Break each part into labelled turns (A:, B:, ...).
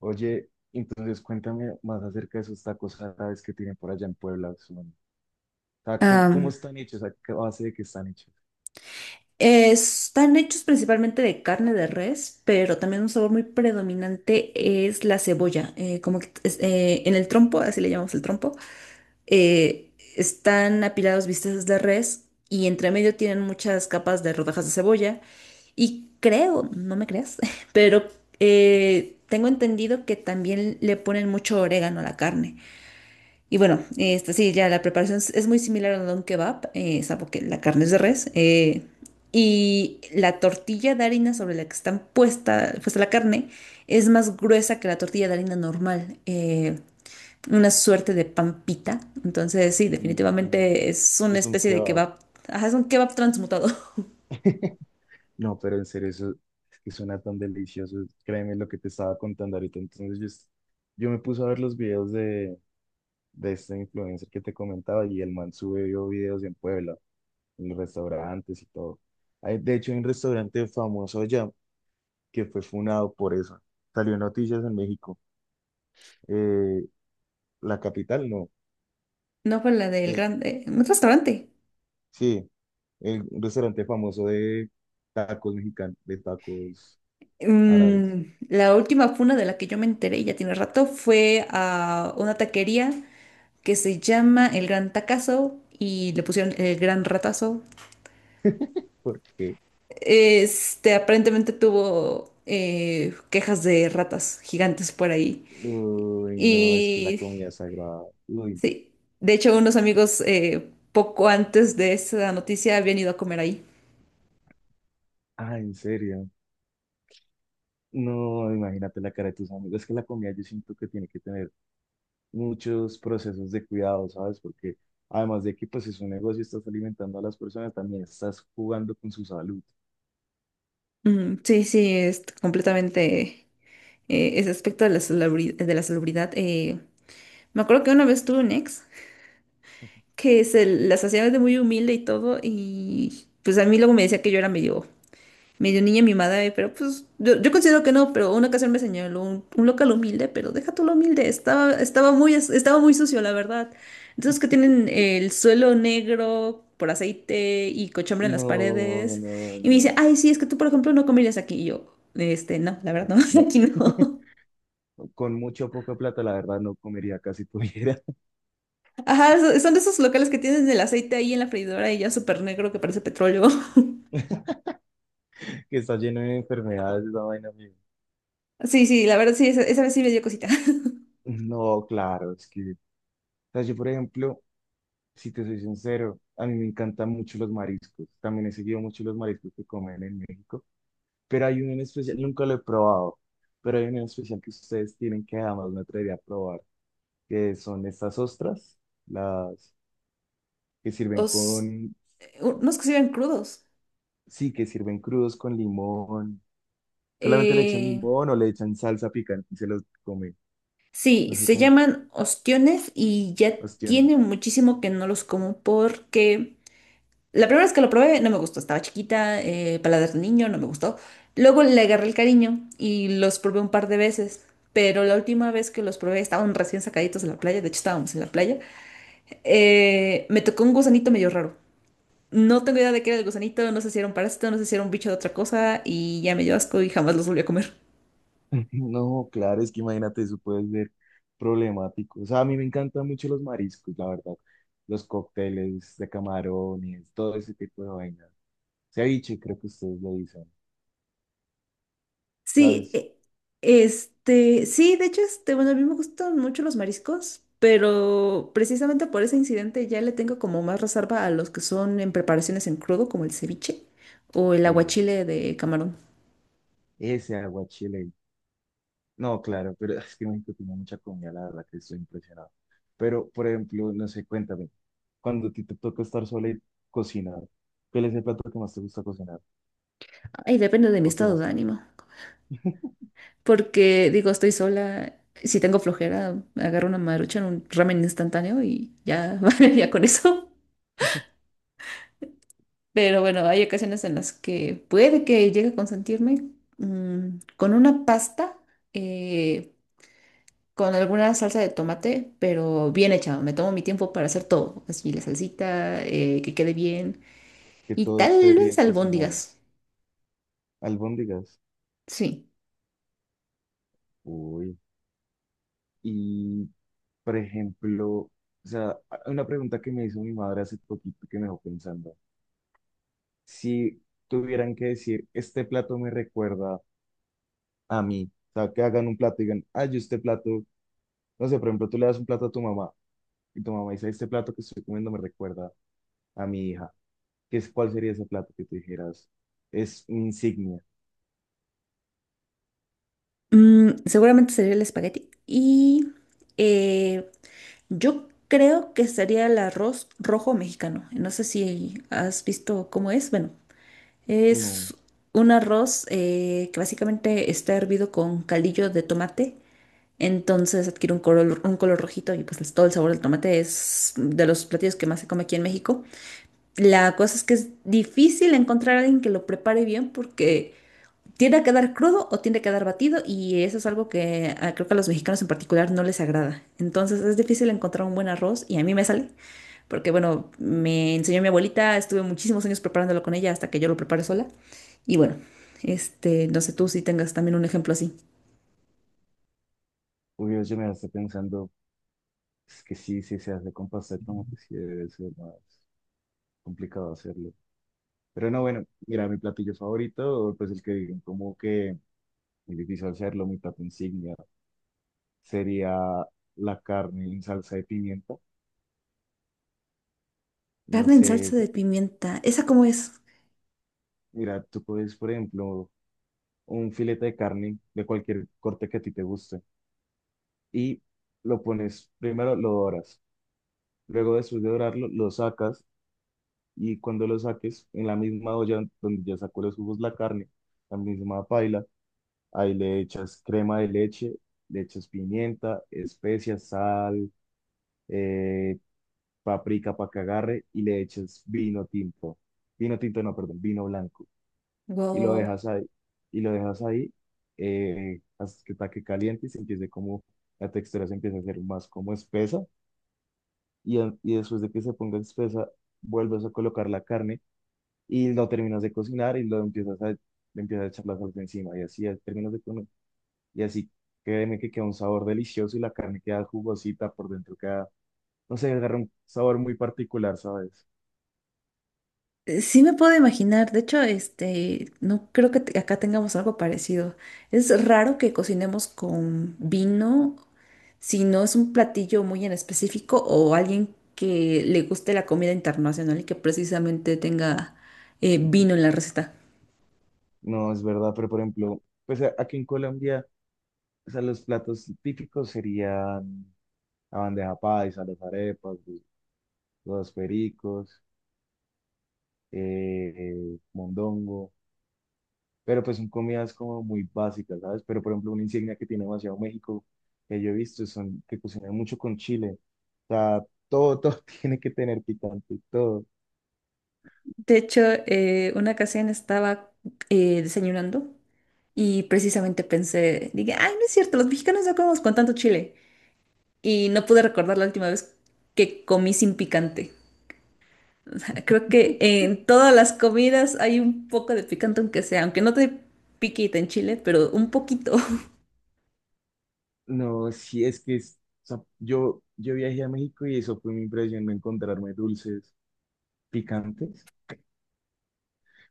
A: Oye, entonces cuéntame más acerca de esos tacos árabes que tienen por allá en Puebla. Son, o sea, ¿cómo
B: Am,
A: están hechos? ¿A qué base de qué están hechos?
B: Están hechos principalmente de carne de res, pero también un sabor muy predominante es la cebolla. En el trompo, así le llamamos el trompo, eh, están apilados bisteces de res y entre medio tienen muchas capas de rodajas de cebolla. Y creo, no me creas, pero tengo entendido que también le ponen mucho orégano a la carne. Y bueno, este, sí, ya la preparación es muy similar a un kebab, salvo que la carne es de res. Y la tortilla de harina sobre la que está puesta la carne es más gruesa que la tortilla de harina normal. Una suerte de pampita. Entonces, sí,
A: Mm,
B: definitivamente es una
A: es un
B: especie de
A: kebab.
B: kebab. Ajá, es un kebab transmutado.
A: No, pero en serio, eso es que suena tan delicioso. Créeme lo que te estaba contando ahorita. Entonces yo me puse a ver los videos de este influencer que te comentaba y el man subió videos en Puebla, en los restaurantes y todo. Hay, de hecho, hay un restaurante famoso allá que fue funado por eso. Salió en noticias en México. eh, la capital, no,
B: No fue la del
A: que es,
B: grande, un restaurante.
A: sí, el restaurante famoso de tacos mexicanos, de tacos árabes,
B: Mm, la última funa de la que yo me enteré, ya tiene rato, fue a una taquería que se llama El Gran Tacazo y le pusieron El Gran Ratazo.
A: porque,
B: Este aparentemente tuvo quejas de ratas gigantes por ahí.
A: uy, no, es que la
B: Y
A: comida es sagrada, uy,
B: sí, de hecho unos amigos poco antes de esa noticia habían ido a comer ahí.
A: ah, en serio, no, imagínate la cara de tus amigos, es que la comida yo siento que tiene que tener muchos procesos de cuidado, ¿sabes? Porque además de que pues es un negocio, estás alimentando a las personas, también estás jugando con su salud.
B: Mm, sí, sí, es completamente ese aspecto de la celebridad. De la celebridad, me acuerdo que una vez tuve un ex que se las hacía de muy humilde y todo y pues a mí luego me decía que yo era medio niña mimada, pero pues yo considero que no, pero una ocasión me señaló un local humilde, pero deja tú lo humilde, estaba muy, estaba muy sucio, la verdad. Entonces que tienen el suelo negro por aceite y cochambre en las
A: No,
B: paredes.
A: no,
B: Y me dice,
A: no,
B: ay, sí, es que tú, por ejemplo, no comerías aquí. Y yo, este, no, la verdad, no,
A: no.
B: aquí no.
A: Con mucho o poca plata, la verdad, no comería casi tuviera.
B: Ajá, son de esos locales que tienen el aceite ahí en la freidora y ya súper negro que parece petróleo.
A: Que está lleno de enfermedades esa vaina, amigo.
B: Sí, sí, la verdad, sí, esa vez sí me dio cosita.
A: No, claro, es que, o sea, yo por ejemplo, si te soy sincero, a mí me encantan mucho los mariscos. También he seguido mucho los mariscos que comen en México, pero hay uno en especial, nunca lo he probado, pero hay uno en especial que ustedes tienen que jamás me atrevería a probar, que son estas ostras, las que sirven
B: Os,
A: con,
B: Unos que se iban crudos.
A: sí, que sirven crudos con limón. Solamente le echan
B: Eh,
A: limón o le echan salsa picante y se los comen.
B: Sí,
A: No sé
B: se
A: cómo,
B: llaman ostiones y ya
A: ostiones.
B: tiene muchísimo que no los como porque la primera vez que lo probé no me gustó, estaba chiquita, paladar de niño, no me gustó. Luego le agarré el cariño y los probé un par de veces, pero la última vez que los probé estaban recién sacaditos de la playa, de hecho estábamos en la playa, me tocó un gusanito medio raro. No tengo idea de qué era el gusanito, no sé si era un parásito, no sé si era un bicho de otra cosa y ya me dio asco y jamás los volví a comer.
A: No, claro, es que imagínate, eso puede ser problemático. O sea, a mí me encantan mucho los mariscos, la verdad. Los cócteles de camarones, todo ese tipo de vainas. Ceviche, creo que ustedes lo dicen.
B: Sí,
A: ¿Sabes?
B: este, sí, de hecho, este, bueno, a mí me gustan mucho los mariscos, pero precisamente por ese incidente ya le tengo como más reserva a los que son en preparaciones en crudo, como el ceviche o el
A: Sí,
B: aguachile de camarón.
A: ese aguachile. No, claro, pero es que México tiene mucha comida, la verdad que estoy impresionado. Pero, por ejemplo, no sé, cuéntame, cuando a ti te toca estar sola y cocinar, ¿cuál es el plato que más te gusta cocinar?
B: Ay, depende de mi
A: ¿O qué
B: estado de
A: más?
B: ánimo. Porque digo, estoy sola, si tengo flojera, agarro una marucha en un ramen instantáneo y ya, ya con eso. Pero bueno, hay ocasiones en las que puede que llegue a consentirme con una pasta. eh, con alguna salsa de tomate, pero bien hecha. Me tomo mi tiempo para hacer todo. Así la salsita, que quede bien.
A: Que
B: Y
A: todo
B: tal
A: esté
B: vez
A: bien cocinado.
B: albóndigas.
A: Albóndigas.
B: Sí.
A: Uy. Y, por ejemplo, o sea, una pregunta que me hizo mi madre hace poquito que me dejó pensando. Si tuvieran que decir, este plato me recuerda a mí, o sea, que hagan un plato y digan, ay, yo este plato, no sé, por ejemplo, tú le das un plato a tu mamá y tu mamá dice, este plato que estoy comiendo me recuerda a mi hija. ¿Qué es, cuál sería ese plato que tú dijeras? Es mi insignia.
B: Mm, seguramente sería el espagueti. Eh, yo creo que sería el arroz rojo mexicano. ¿No sé si has visto cómo es? Bueno,
A: No,
B: es un arroz que básicamente está hervido con caldillo de tomate. Entonces adquiere un color rojito y pues es todo el sabor del tomate, es de los platillos que más se come aquí en México. La cosa es que es difícil encontrar a alguien que lo prepare bien porque tiende a quedar crudo o tiende a quedar batido y eso es algo que, creo que a los mexicanos en particular no les agrada. Entonces es difícil encontrar un buen arroz y a mí me sale porque bueno, me enseñó mi abuelita, estuve muchísimos años preparándolo con ella hasta que yo lo preparé sola y bueno, este, no sé tú si tengas también un ejemplo así.
A: obvio, yo me estoy pensando, es que sí, sí se hace con pasta de tomate, sí debe ser más complicado hacerlo. Pero no, bueno, mira, mi platillo favorito, pues el que digan, como que es difícil hacerlo, mi plato insignia sería la carne en salsa de pimienta. No
B: Carne en
A: sé,
B: salsa de pimienta, ¿esa cómo es?
A: mira, tú puedes, por ejemplo, un filete de carne de cualquier corte que a ti te guste y lo pones, primero lo doras, luego después de dorarlo, lo sacas y cuando lo saques, en la misma olla donde ya sacó los jugos la carne, la misma paila. Ahí le echas crema de leche, le echas pimienta, especias, sal, eh, paprika para que agarre y le echas vino tinto. Vino tinto, no, perdón, vino blanco. Y lo
B: Wow.
A: dejas ahí, y lo dejas ahí hasta que está que caliente y se empiece como, la textura se empieza a hacer más como espesa. Y, y después de que se ponga espesa, vuelves a colocar la carne y lo terminas de cocinar y le empiezas a echar la salsa encima. Y así Y así créeme que queda un sabor delicioso y la carne queda jugosita por dentro, queda, no sé, agarra un sabor muy particular, ¿sabes?
B: Sí me puedo imaginar. De hecho, este, no creo que acá tengamos algo parecido. Es raro que cocinemos con vino, si no es un platillo muy en específico o alguien que le guste la comida internacional y que precisamente tenga vino en la receta.
A: No, es verdad, pero por ejemplo, pues aquí en Colombia, o sea, los platos típicos serían la bandeja paisa, las arepas, los pericos, mondongo, pero pues son comidas como muy básicas, ¿sabes? Pero por ejemplo, una insignia que tiene demasiado México, que yo he visto, son que cocinan mucho con chile. O sea, todo, todo tiene que tener picante, todo.
B: De hecho, una ocasión estaba desayunando y precisamente pensé, dije, ay, no es cierto, los mexicanos no comemos con tanto chile. Y no pude recordar la última vez que comí sin picante. Creo que en todas las comidas hay un poco de picante, aunque sea, aunque no te piquita en Chile, pero un poquito.
A: No, sí, es que o sea, yo viajé a México y eso fue mi impresión, encontrarme dulces picantes.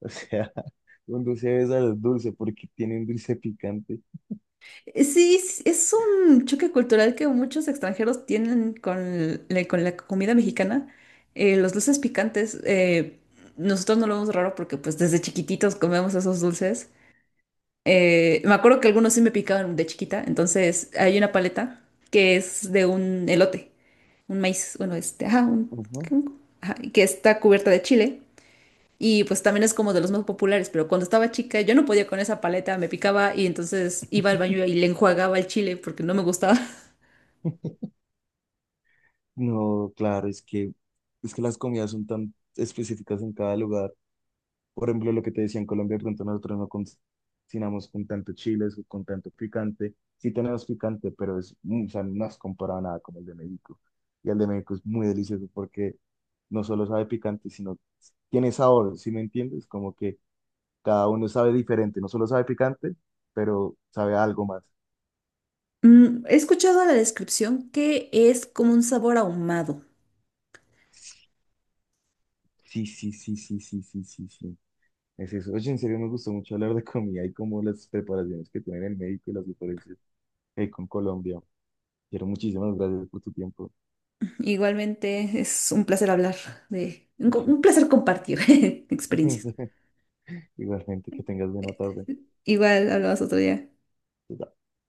A: O sea, un dulce de sal dulce porque tienen dulce picante.
B: Sí, es un choque cultural que muchos extranjeros tienen con la comida mexicana. Los dulces picantes, nosotros no lo vemos raro porque pues desde chiquititos comemos esos dulces. Me acuerdo que algunos sí me picaban de chiquita, entonces hay una paleta que es de un elote, un maíz, bueno, este, ajá, un,
A: Ujú.
B: ajá, que está cubierta de chile. Y pues también es como de los más populares, pero cuando estaba chica yo no podía con esa paleta, me picaba y entonces iba al baño y le enjuagaba el chile porque no me gustaba.
A: No, claro, es que las comidas son tan específicas en cada lugar. Por ejemplo, lo que te decía en Colombia, de pronto nosotros no cocinamos con tanto chiles o con tanto picante. Sí tenemos picante, pero es, o sea, no es comparado a nada con el de México. Y el de México es muy delicioso porque no solo sabe picante, sino tiene sabor, ¿sí me entiendes? Como que cada uno sabe diferente, no solo sabe picante, pero sabe a algo más.
B: Mm, he escuchado la descripción que es como un sabor ahumado.
A: Sí, sí, sí, sí, sí, sí, sí, sí. Es eso. Oye, en serio me gustó mucho hablar de comida y como las preparaciones que tienen en México y las diferencias con Colombia. Quiero muchísimas gracias por tu tiempo.
B: Igualmente es un placer hablar de, un, un placer compartir experiencias.
A: Igualmente, que tengas buena tarde.
B: Igual hablabas otro día.